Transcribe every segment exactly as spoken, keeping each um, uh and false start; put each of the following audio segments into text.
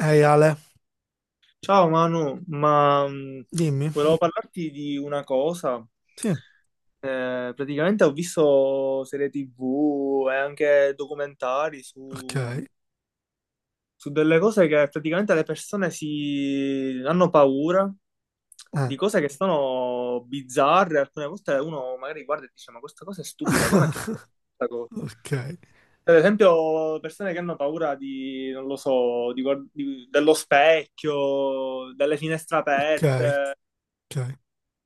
Ehi Ale, Ciao Manu, ma mh, dimmi. volevo parlarti di una cosa. Sì, Eh, praticamente ho visto serie tivù e anche documentari su, ok. su delle cose che praticamente le persone si hanno paura Eh. di cose che sono bizzarre. Alcune volte uno magari guarda e dice: Ma questa cosa è stupida, com'è che questa cosa? Ok, Per esempio, persone che hanno paura di, non lo so, di guard- di- dello specchio, delle finestre ok, aperte. ok.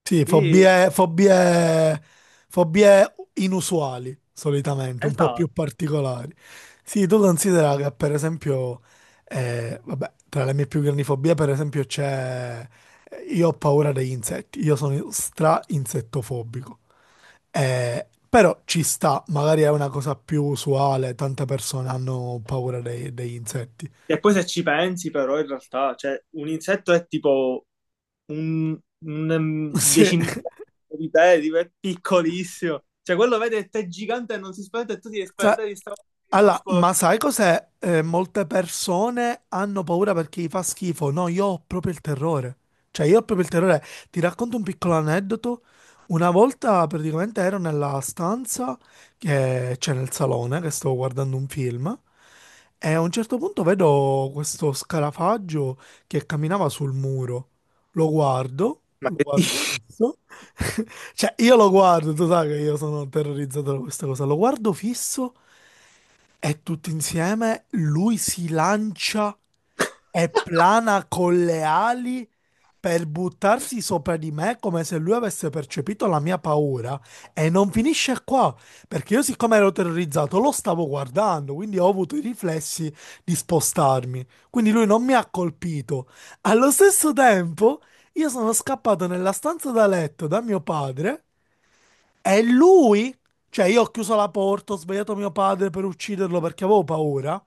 Sì, Quindi, fobie, fobie, fobie inusuali, solitamente, un po' più esatto. particolari. Sì, tu considera che per esempio, eh, vabbè, tra le mie più grandi fobie, per esempio, c'è... eh, Io ho paura degli insetti, io sono stra-insettofobico. Eh, però ci sta, magari è una cosa più usuale, tante persone hanno paura dei- degli insetti. E poi se ci pensi, però, in realtà, cioè, un insetto è tipo un, un um, Sì. decimillimetro di te, tipo, è piccolissimo. Cioè, quello vede che te è gigante e non si spaventa e tu ti devi Sa- spaventare di sta cosa Allora, minuscolo. ma sai cos'è? Eh, molte persone hanno paura perché gli fa schifo. No, io ho proprio il terrore. Cioè, io ho proprio il terrore. Ti racconto un piccolo aneddoto. Una volta praticamente ero nella stanza che c'è nel salone, che stavo guardando un film, e a un certo punto vedo questo scarafaggio che camminava sul muro. Lo guardo, Ma lo che guardo dici? fisso. Cioè, io lo guardo, tu sai che io sono terrorizzato da questa cosa. Lo guardo fisso. E tutto insieme lui si lancia e plana con le ali per buttarsi sopra di me come se lui avesse percepito la mia paura. E non finisce qua, perché io siccome ero terrorizzato lo stavo guardando, quindi ho avuto i riflessi di spostarmi. Quindi lui non mi ha colpito. Allo stesso tempo, io sono scappato nella stanza da letto da mio padre è lui? Cioè, io ho chiuso la porta, ho svegliato mio padre per ucciderlo perché avevo paura.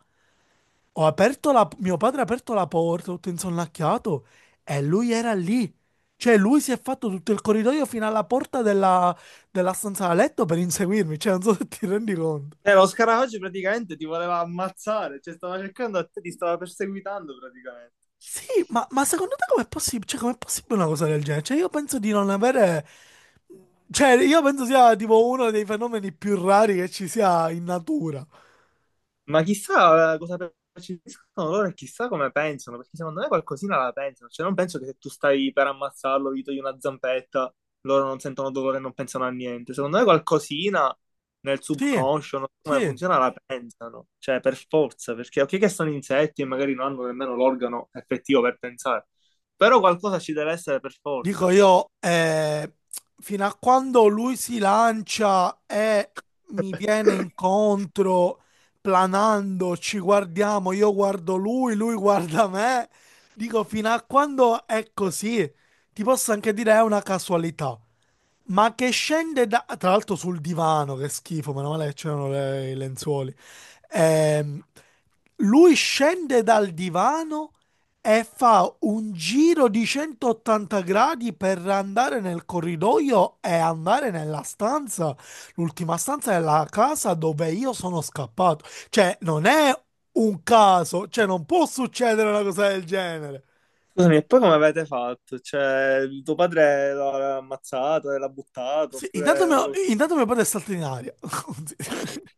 Ho aperto la... Mio padre ha aperto la porta, tutto insonnacchiato, e lui era lì. Cioè, lui si è fatto tutto il corridoio fino alla porta della, della stanza da letto per inseguirmi. Cioè, non so se ti rendi conto. Eh, lo scarafaggio praticamente ti voleva ammazzare, cioè, stava cercando a te, ti stava perseguitando praticamente. Sì, ma, ma secondo te com'è possibile? Cioè, com'è possibile una cosa del genere? Cioè, io penso di non avere... Cioè, io penso sia tipo uno dei fenomeni più rari che ci sia in natura. Ma chissà cosa percepiscono loro e chissà come pensano, perché secondo me qualcosina la pensano. Cioè, non penso che se tu stai per ammazzarlo, gli togli una zampetta, loro non sentono dolore e non pensano a niente. Secondo me qualcosina nel Sì, subconscio, non so come sì. funziona, la pensano. Cioè, per forza, perché ok che sono insetti e magari non hanno nemmeno l'organo effettivo per pensare, però qualcosa ci deve essere per Dico forza. io, eh, fino a quando lui si lancia e mi viene incontro planando, ci guardiamo, io guardo lui, lui guarda me. Dico, fino a quando è così, ti posso anche dire è una casualità. Ma che scende da... Tra l'altro sul divano, che schifo, meno male che c'erano le- i lenzuoli. Ehm, Lui scende dal divano e fa un giro di centottanta gradi per andare nel corridoio e andare nella stanza, l'ultima stanza è la casa dove io sono scappato. Cioè, non è un caso, cioè non può succedere una cosa del genere. Scusami, e poi come avete fatto? Cioè, tuo padre l'ha ammazzato e l'ha buttato, Sì, intanto oppure non mio, lo. intanto mio padre è saltato in aria.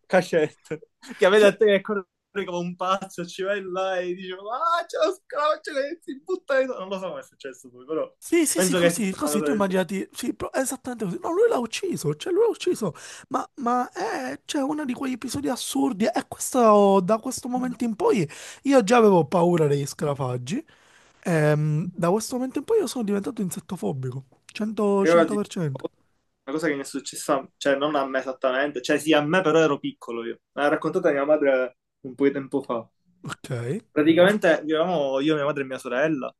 Cacette, che vede a Cioè, te che corre come un pazzo, ci vai là e dice, ah, c'è lo scroccio che si butta dentro. Non lo so come è successo poi, però sì, sì, sì, penso che sia così, una così, cosa tu del immaginati, sì, pro- esattamente così. No, lui l'ha ucciso, cioè lui l'ha ucciso, ma, ma è, cioè, uno di quegli episodi assurdi e questo, da questo momento in poi, io già avevo paura degli scarafaggi, ehm, da questo momento in poi io sono diventato insettofobico, cento, genere. Io ti- cento per cento. Una cosa che mi è successa, cioè non a me esattamente, cioè sì a me però ero piccolo io. Me l'ha raccontata mia madre un po' di tempo fa. Ok, Praticamente vivevamo io, mia madre e mia sorella,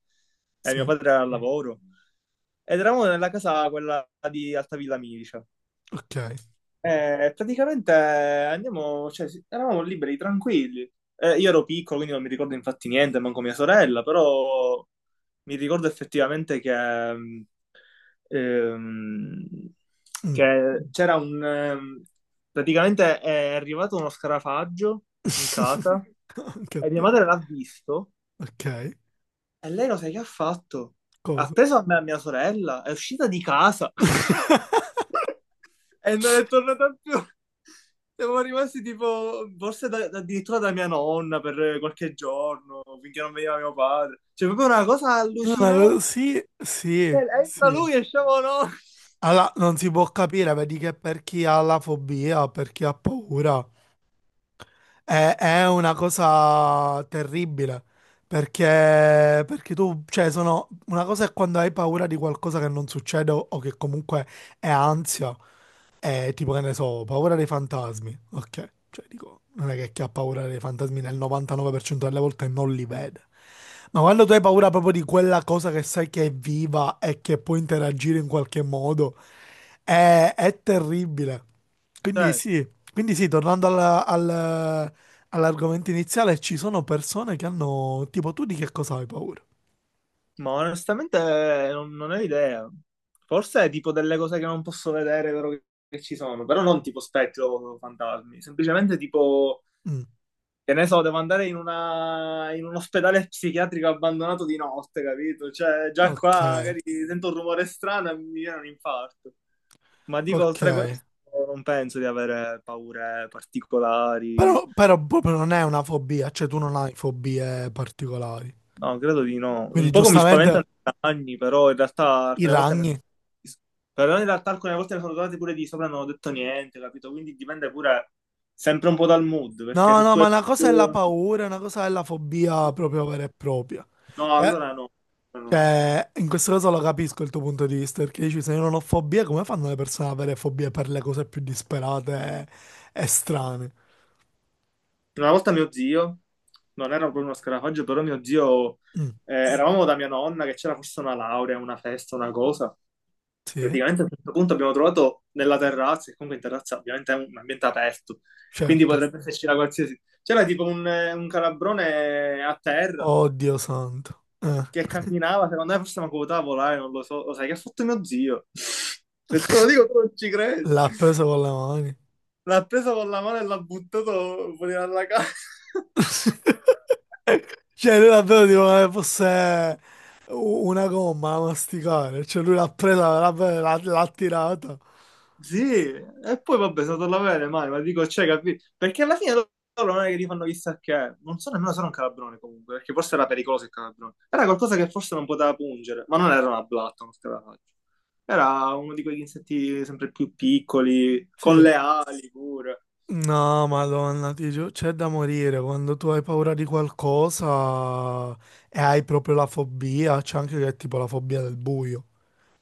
e mio sì, padre era al lavoro, ed eravamo nella casa quella di Altavilla Milicia. ok. Eh, praticamente eh, andiamo, cioè, sì, eravamo liberi, tranquilli. Eh, io ero piccolo, quindi non mi ricordo infatti niente, manco mia sorella, però mi ricordo effettivamente che, mm, ehm, Mm. che c'era un, ehm, praticamente è arrivato uno scarafaggio in casa Anche a e mia te, madre l'ha visto ok, e lei lo sai che ha fatto? Ha cosa? preso a me e a mia sorella, è uscita di casa. E non è tornata più. Siamo rimasti tipo, forse da- da- addirittura da mia nonna per qualche giorno, finché non veniva mio padre. Cioè, proprio una cosa No, no, allucinante. sì, sì, Entra sì. lui, esciamo noi. Alla- non si può capire, vedi che per chi ha la fobia, per chi ha paura, è, è una cosa terribile, perché, perché tu, cioè, sono, una cosa è quando hai paura di qualcosa che non succede o, o che comunque è ansia, eh, tipo che ne so, ho paura dei fantasmi. Ok, cioè dico, non è che chi ha paura dei fantasmi nel novantanove per cento delle volte non li vede. Ma quando tu hai paura proprio di quella cosa che sai che è viva e che può interagire in qualche modo, è, è terribile. Quindi Certo. sì, quindi sì, tornando alla- al- all'argomento iniziale, ci sono persone che hanno, tipo, tu di che cosa hai paura? Ma onestamente eh, non, non ho idea. Forse è tipo delle cose che non posso vedere, vero che, che ci sono, però non tipo spettro o fantasmi, semplicemente tipo. Mm, Che ne so, devo andare in, una, in un ospedale psichiatrico abbandonato di notte, capito? Cioè, già ok, qua magari sento un rumore strano e mi viene un infarto. Ma dico, ok. oltre a questo, non penso di avere paure particolari. Però, però proprio non è una fobia, cioè tu non hai fobie particolari. No, credo di no. Quindi Un poco mi spaventano giustamente i cagni, però in realtà i alcune volte ne ragni. sono. Però in realtà alcune volte ne sono tornati pure di sopra e non ho detto niente, capito? Quindi dipende pure sempre un po' dal mood, perché No, se no, tu. ma una cosa è la paura, una cosa è la fobia proprio vera e propria. No, Cioè, allora no. No. No. cioè, in questo caso lo capisco il tuo punto di vista, perché dici se io non ho fobie, come fanno le persone ad avere fobie per le cose più disperate e, e strane? Una volta mio zio, non era proprio uno scarafaggio, però mio zio, Mm, eh, eravamo da mia nonna che c'era forse una laurea, una festa, una cosa. sì, Praticamente a un certo punto abbiamo trovato nella terrazza, e comunque in terrazza ovviamente è un ambiente aperto, quindi certo. potrebbe esserci la qualsiasi. C'era tipo un, eh, un calabrone a terra Oddio santo. Eh. che camminava, secondo me forse mi ha potuto volare, non lo so. Lo sai che ha fatto mio zio? Se te lo dico tu non ci credi. L'ha preso con le mani. L'ha preso con la mano e l'ha buttato fuori dalla casa. Cioè, lui davvero tipo come fosse u- una gomma da masticare. Cioè, lui l'ha presa, l'ha l'ha- l'ha tirata. Sì, e poi vabbè, sono andato alla bene, ma dico, cioè, capito? Perché alla fine loro non è che li fanno chissà che, non so nemmeno se era un calabrone comunque, perché forse era pericoloso il calabrone. Era qualcosa che forse non poteva pungere, ma non era una blatta, non te la faccio. Era uno di quegli insetti sempre più piccoli, con Sì. le ali pure. No, Madonna, ti giuro, c'è da morire quando tu hai paura di qualcosa e hai proprio la fobia. C'è anche che è tipo la fobia del buio.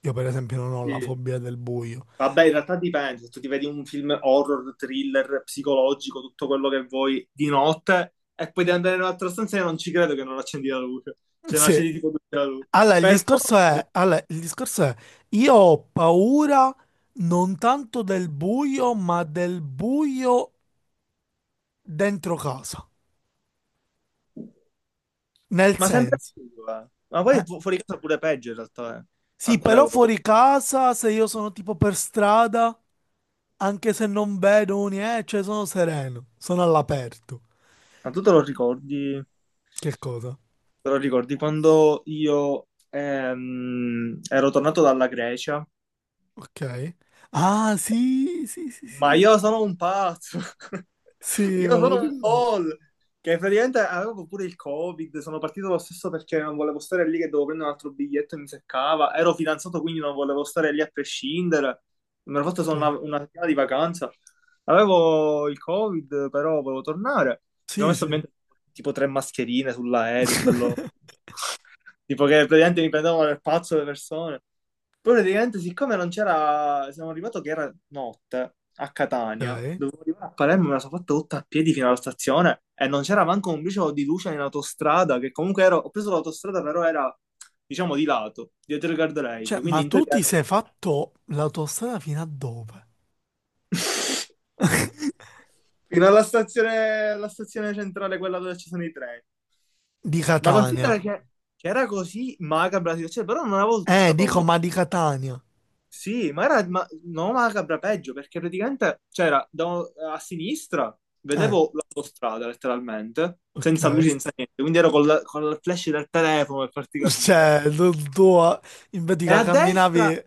Io, per esempio, non ho la Sì. fobia del buio. Vabbè, in realtà dipende, se tu ti vedi un film horror, thriller, psicologico, tutto quello che vuoi di notte e poi devi andare in un'altra stanza e non ci credo che non accendi la luce, cioè non Sì. accendi tipo tutta la luce. Allora, il Per forza, discorso è, allora, il discorso è, io ho paura non tanto del buio, ma del buio dentro casa. Nel ma sempre senso, più, eh. Ma poi eh, fu- fuori casa pure peggio in realtà, eh. sì, Alcune però volte. fuori casa, se io sono tipo per strada, anche se non vedo niente, cioè sono sereno, sono all'aperto. Ma tu te lo ricordi? Che cosa? Te lo ricordi quando io ehm, ero tornato dalla Grecia? Ok. Ah, sì, sì, sì, Ma sì. io sono un pazzo, Sì, io me lo sono un ricordo. folle, che praticamente avevo pure il Covid, sono partito lo stesso perché non volevo stare lì che dovevo prendere un altro biglietto e mi seccava, ero fidanzato quindi non volevo stare lì a prescindere, mi ero fatto solo una, una settimana di vacanza, avevo il Covid però volevo tornare, mi sono Sì, messo sì. ovviamente tipo tre mascherine sull'aereo, bello, tipo che praticamente mi prendevano per pazzo le persone. Poi praticamente, siccome non c'era, siamo arrivato che era notte a Catania, Ok. dovevo arrivare a Palermo, me la sono fatta tutta a piedi fino alla stazione e non c'era manco un briciolo di luce in autostrada, che comunque ero, ho preso l'autostrada, però era, diciamo, di lato, dietro il Cioè, guardrail, quindi ma in tu teoria ti ero- sei tranquillo. fatto l'autostrada fino a dove? Fino alla stazione, alla stazione centrale, quella dove ci sono i treni. Di Ma Catania. considera che, che era così macabra la situazione, però non avevo tutta Eh, sta dico, paura. ma di Catania. Sì, ma era ma- no, macabra peggio perché praticamente c'era da- a sinistra, Eh, vedevo l'autostrada letteralmente, senza ok. luci, senza niente, quindi ero col, col flash del telefono per farti capire. Cioè, tu, tu, eh, invece E che a destra, camminavi.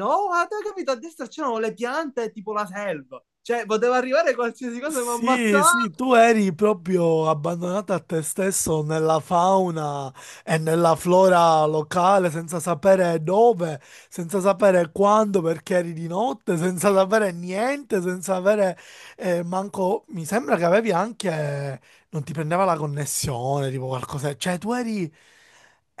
no, ma te hai capito, a destra c'erano le piante e tipo la selva, cioè poteva arrivare qualsiasi cosa e mi Sì, sì, ammazzava. tu eri proprio abbandonato a te stesso nella fauna e nella flora locale, senza sapere dove, senza sapere quando, perché eri di notte, senza sapere niente, senza avere eh, manco... Mi sembra che avevi anche... non ti prendeva la connessione, tipo qualcosa. Cioè, tu eri...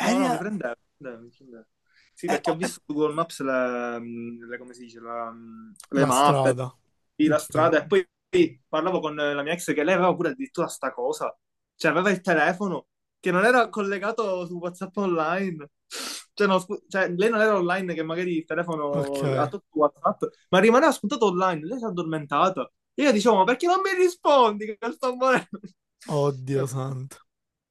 No, no, mi a- prendeva, mi prendeva, mi prendeva. Sì, eh, perché oh, ho eh, visto su Google Maps le, mm, le- come si dice, la, mm, le la mappe, strada. sì, la Ok, strada, e poi poi parlavo con la mia ex che lei aveva pure addirittura sta cosa, cioè aveva il telefono che non era collegato su WhatsApp online, cioè, no, scu- cioè, lei non era online che magari il telefono ha ok. tutto WhatsApp, ma rimaneva spuntato online, lei si è addormentata. Io dicevo, ma perché non mi rispondi che sto morendo? Oddio Capito? santo.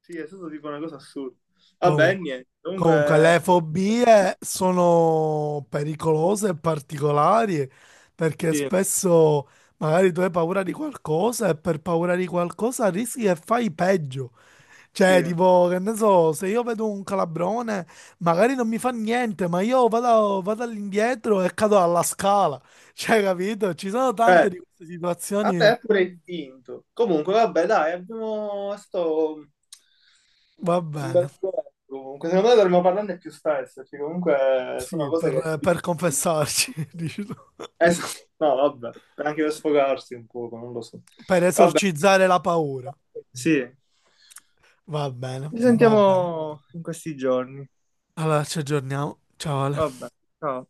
Sì, è stato tipo una cosa assurda. Vabbè, niente. Comunque, Comunque, le fobie sono pericolose e particolari perché sì, spesso magari tu hai paura di qualcosa e per paura di qualcosa rischi che fai peggio. sì. Cioè, Eh, tipo, che ne so, se io vedo un calabrone, magari non mi fa niente, ma io vado, vado all'indietro e cado alla scala. Cioè, capito? Ci sono tante di queste situazioni. vabbè, è pure vinto. Comunque, vabbè, dai, abbiamo... è stato Va un bene, bel duello. Comunque, secondo me dovremmo parlarne più spesso, perché comunque sono sì, cose che per, per capitano. confessarci, dici tu. Eh, sì. No, vabbè, anche per sfogarsi un poco, non lo so. Per Vabbè, esorcizzare la paura. sì, Va bene, ci va bene. sentiamo in questi giorni. Allora ci aggiorniamo. Ciao Ale. Vabbè, ciao.